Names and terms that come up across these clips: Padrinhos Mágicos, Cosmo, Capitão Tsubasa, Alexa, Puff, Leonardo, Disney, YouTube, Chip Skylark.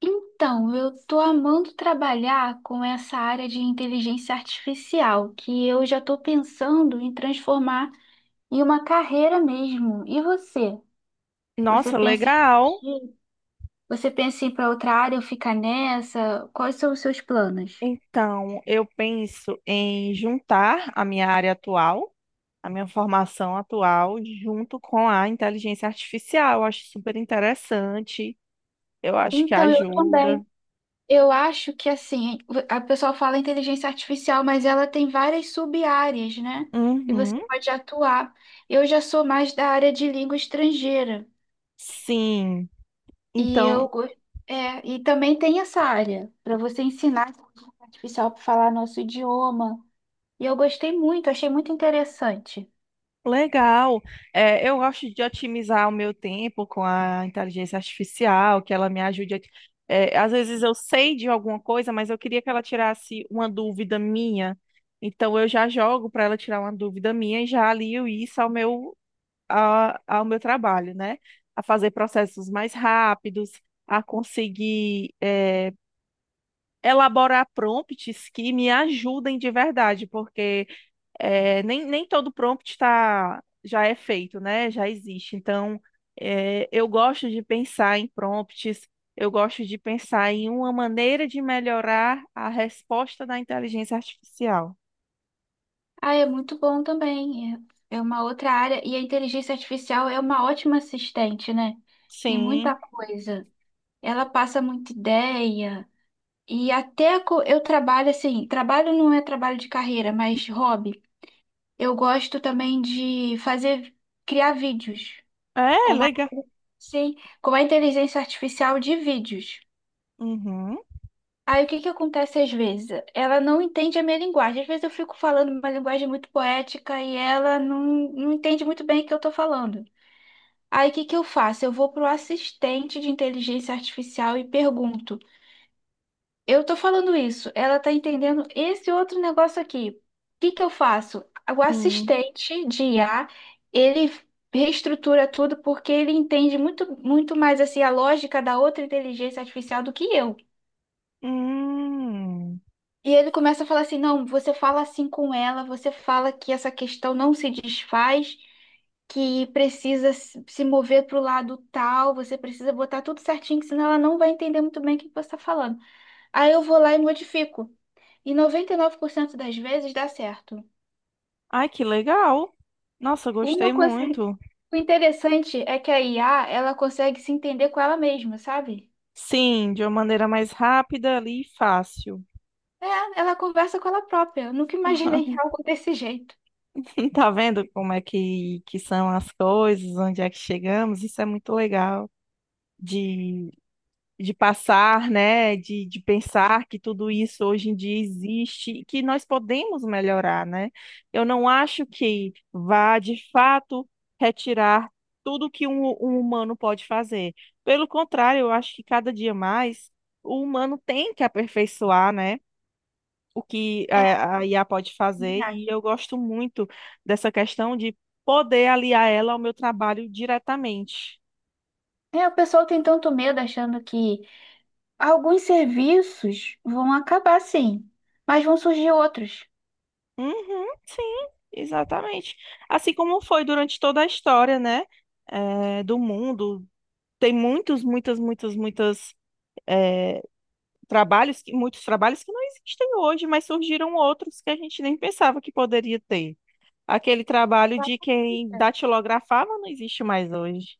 Então, eu tô amando trabalhar com essa área de inteligência artificial, que eu já tô pensando em transformar em uma carreira mesmo. E você? Você Nossa, pensa em legal. você pensa em ir para outra área ou ficar nessa? Quais são os seus planos? Então, eu penso em juntar a minha área atual, a minha formação atual, junto com a inteligência artificial. Eu acho super interessante. Eu acho que Então, eu ajuda. também. Eu acho que assim, a pessoa fala inteligência artificial, mas ela tem várias sub-áreas, né? E Uhum. você pode atuar. Eu já sou mais da área de língua estrangeira. Sim. E eu Então, go- e também tem essa área para você ensinar a inteligência artificial para falar nosso idioma. E eu gostei muito, achei muito interessante. legal. É, eu gosto de otimizar o meu tempo com a inteligência artificial, que ela me ajude a... às vezes eu sei de alguma coisa, mas eu queria que ela tirasse uma dúvida minha. Então eu já jogo para ela tirar uma dúvida minha e já alio isso ao ao meu trabalho, né? A fazer processos mais rápidos, a conseguir, elaborar prompts que me ajudem de verdade, porque nem todo prompt tá, já é feito, né? Já existe. Então, eu gosto de pensar em prompts, eu gosto de pensar em uma maneira de melhorar a resposta da inteligência artificial. Ah, é muito bom também. É uma outra área e a inteligência artificial é uma ótima assistente, né? Em muita Sim. coisa. Ela passa muita ideia. Eu trabalho assim, trabalho não é trabalho de carreira, mas hobby. Eu gosto também de fazer, criar vídeos É, com a, legal. sim, com a inteligência artificial de vídeos. Uhum. Aí o que que acontece às vezes? Ela não entende a minha linguagem. Às vezes eu fico falando uma linguagem muito poética e ela não entende muito bem o que eu estou falando. Aí o que que eu faço? Eu vou para o assistente de inteligência artificial e pergunto. Eu tô falando isso, ela tá entendendo esse outro negócio aqui. O que que eu faço? O Hum. assistente de IA, ele reestrutura tudo porque ele entende muito, muito mais assim a lógica da outra inteligência artificial do que eu. Hum. E ele começa a falar assim: não, você fala assim com ela, você fala que essa questão não se desfaz, que precisa se mover para o lado tal, você precisa botar tudo certinho, que senão ela não vai entender muito bem o que você está falando. Aí eu vou lá e modifico. E 99% das vezes dá certo. Ai, que legal. Nossa, Uma gostei consegue... muito. O interessante é que a IA, ela consegue se entender com ela mesma, sabe? Sim, de uma maneira mais rápida ali e fácil. É, ela conversa com ela própria. Eu nunca imaginei algo desse jeito. E tá vendo como é que são as coisas, onde é que chegamos? Isso é muito legal de, de passar, né? De pensar que tudo isso hoje em dia existe e que nós podemos melhorar, né? Eu não acho que vá, de fato, retirar tudo que um humano pode fazer. Pelo contrário, eu acho que cada dia mais o humano tem que aperfeiçoar, né? O que É, a IA pode fazer, também e acho. eu gosto muito dessa questão de poder aliar ela ao meu trabalho diretamente. É, o pessoal tem tanto medo achando que alguns serviços vão acabar, sim, mas vão surgir outros. Uhum, sim, exatamente. Assim como foi durante toda a história, né, do mundo. Tem muitos, muitas, muitas eh, muitos trabalhos que não existem hoje, mas surgiram outros que a gente nem pensava que poderia ter. Aquele trabalho de quem datilografava não existe mais hoje.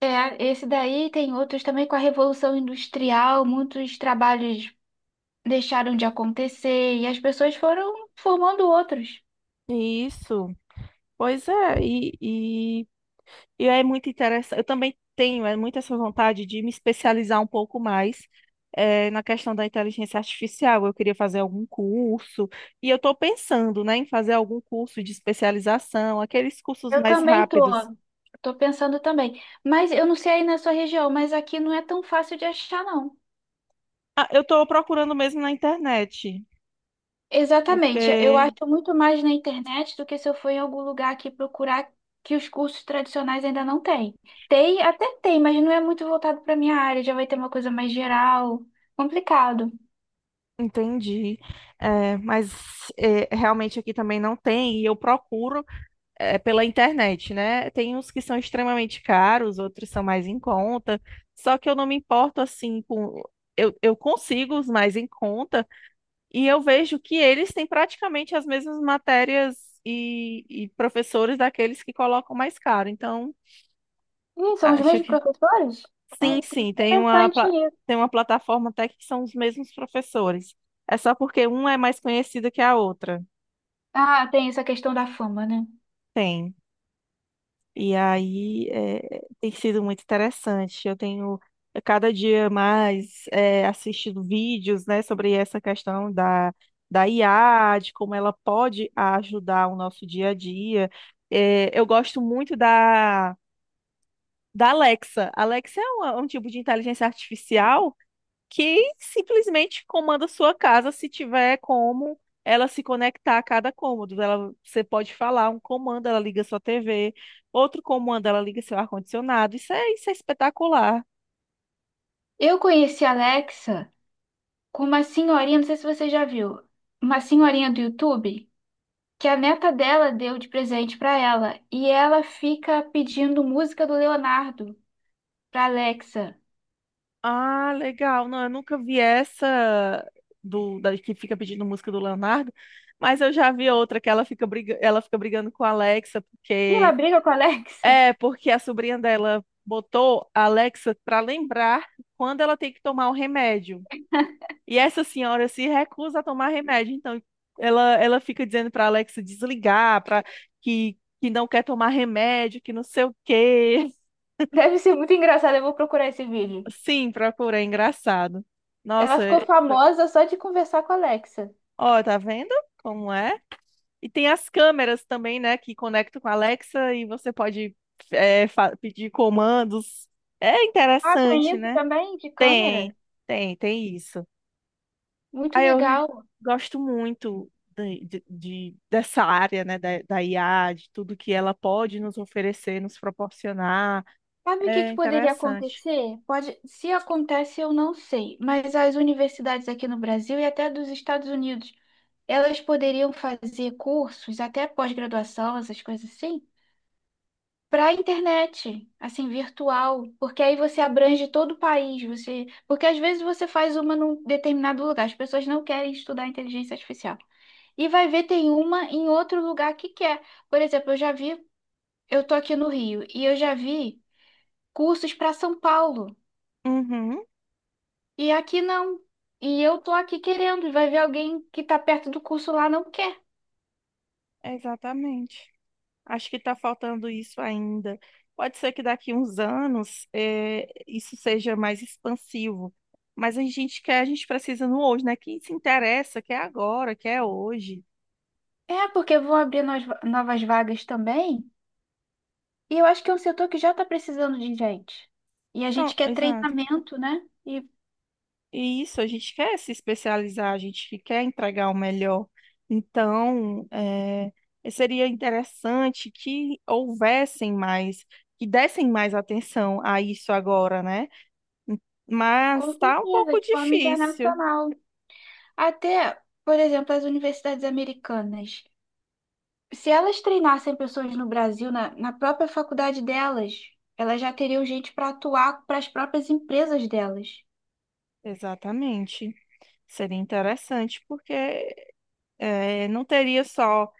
É, esse daí tem outros também com a Revolução Industrial, muitos trabalhos deixaram de acontecer e as pessoas foram formando outros. Isso. Pois é, e, e é muito interessante. Eu também tenho muito essa vontade de me especializar um pouco mais na questão da inteligência artificial. Eu queria fazer algum curso, e eu estou pensando, né, em fazer algum curso de especialização, aqueles cursos Eu mais também tô. rápidos. Tô pensando também. Mas eu não sei aí na sua região, mas aqui não é tão fácil de achar, não. Ah, eu estou procurando mesmo na internet, Exatamente. Eu porque acho muito mais na internet do que se eu for em algum lugar aqui procurar que os cursos tradicionais ainda não têm. Tem, até tem, mas não é muito voltado para minha área. Já vai ter uma coisa mais geral. Complicado. entendi. Mas realmente aqui também não tem, e eu procuro. É, pela internet, né? Tem uns que são extremamente caros, outros são mais em conta. Só que eu não me importo assim com. Eu consigo os mais em conta e eu vejo que eles têm praticamente as mesmas matérias e professores daqueles que colocam mais caro. Então, Ih, são os acho mesmos que professores? É sim, interessante isso. tem uma plataforma até que são os mesmos professores. É só porque uma é mais conhecida que a outra. Ah, tem essa questão da fama, né? Tem. E tem sido muito interessante. Eu tenho cada dia mais assistido vídeos, né, sobre essa questão da IA, de como ela pode ajudar o nosso dia a dia. É, eu gosto muito da Alexa. Alexa é um tipo de inteligência artificial que simplesmente comanda sua casa se tiver como ela se conectar a cada cômodo. Ela, você pode falar um comando, ela liga sua TV, outro comando, ela liga seu ar-condicionado. Isso é espetacular. Eu conheci a Alexa com uma senhorinha, não sei se você já viu, uma senhorinha do YouTube que a neta dela deu de presente pra ela e ela fica pedindo música do Leonardo pra Alexa. Ah, legal. Não, eu nunca vi essa que fica pedindo música do Leonardo, mas eu já vi outra que ela fica brigando com a Alexa, E ela porque briga com a Alexa. é porque a sobrinha dela botou a Alexa para lembrar quando ela tem que tomar o remédio. E essa senhora se recusa a tomar remédio. Então, ela fica dizendo para Alexa desligar, que não quer tomar remédio, que não sei o quê. Deve ser muito engraçado, eu vou procurar esse vídeo. Sim, procura, é engraçado. Ela Nossa, ficou famosa só de conversar com a Alexa. ó, tá vendo como é? E tem as câmeras também, né, que conectam com a Alexa e você pode pedir comandos. É Ah, tem interessante, isso né? também de câmera? Tem, tem isso. Muito Aí eu legal. gosto muito dessa área, né, da IA, de tudo que ela pode nos oferecer, nos proporcionar. Sabe o que É que poderia interessante. acontecer? Pode, se acontece, eu não sei, mas as universidades aqui no Brasil e até dos Estados Unidos elas poderiam fazer cursos, até pós-graduação, essas coisas assim, para a internet, assim, virtual, porque aí você abrange todo o país, você, porque às vezes você faz uma num determinado lugar, as pessoas não querem estudar inteligência artificial. E vai ver tem uma em outro lugar que quer. Por exemplo, eu já vi, eu tô aqui no Rio e eu já vi cursos para São Paulo. Uhum, E aqui não. E eu tô aqui querendo, e vai ver alguém que tá perto do curso lá não quer. exatamente. Acho que está faltando isso ainda. Pode ser que daqui uns anos isso seja mais expansivo, mas a gente quer, a gente precisa no hoje, né? Quem se interessa, quer agora, quer hoje. É, porque vão abrir novas vagas também. E eu acho que é um setor que já está precisando de gente. E a Não, gente quer exato. treinamento, né? E E isso, a gente quer se especializar, a gente quer entregar o melhor. Então, seria interessante que houvessem mais, que dessem mais atenção a isso agora, né? Mas com está um certeza, pouco de forma difícil. internacional. Até, por exemplo, as universidades americanas. Se elas treinassem pessoas no Brasil, na própria faculdade delas, elas já teriam gente para atuar para as próprias empresas delas. Exatamente. Seria interessante, porque não teria só.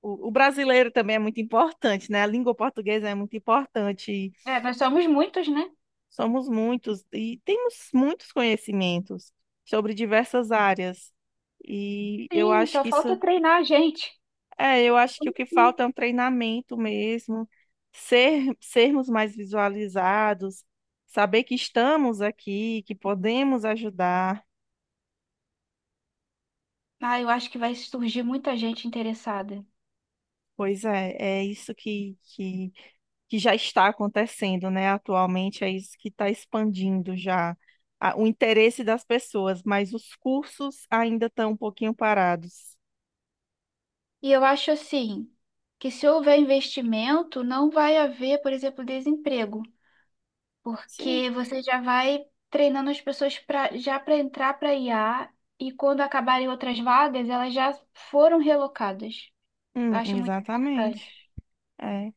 O brasileiro também é muito importante, né? A língua portuguesa é muito importante. É, nós somos muitos, né? Somos muitos e temos muitos conhecimentos sobre diversas áreas. E eu Sim, acho só que isso, falta treinar a gente. é, eu acho que Como o que assim? falta é um treinamento mesmo, sermos mais visualizados, saber que estamos aqui, que podemos ajudar. Ah, eu acho que vai surgir muita gente interessada. Pois é, é isso que já está acontecendo, né? Atualmente é isso que está expandindo o interesse das pessoas, mas os cursos ainda estão um pouquinho parados. E eu acho assim, que se houver investimento, não vai haver, por exemplo, desemprego, Sim, porque você já vai treinando as pessoas pra, já para entrar para IA e quando acabarem outras vagas, elas já foram relocadas. Eu hum, acho muito exatamente. importante. É.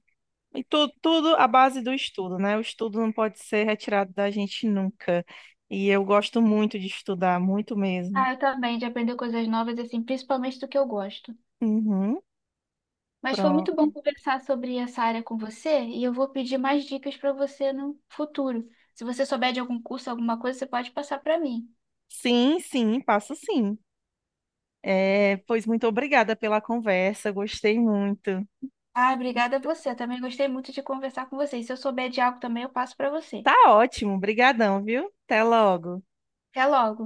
E tudo à base do estudo, né? O estudo não pode ser retirado da gente nunca. E eu gosto muito de estudar, muito mesmo. Ah, eu também, de aprender coisas novas, assim, principalmente do que eu gosto. Uhum, Mas foi muito bom pronto. conversar sobre essa área com você e eu vou pedir mais dicas para você no futuro. Se você souber de algum curso, alguma coisa, você pode passar para mim. Sim, sim, passo sim. É, pois muito obrigada pela conversa, gostei muito. Ah, obrigada a você. Eu também gostei muito de conversar com você. E se eu souber de algo também, eu passo para você. Tá ótimo, brigadão, viu? Até logo. Até logo.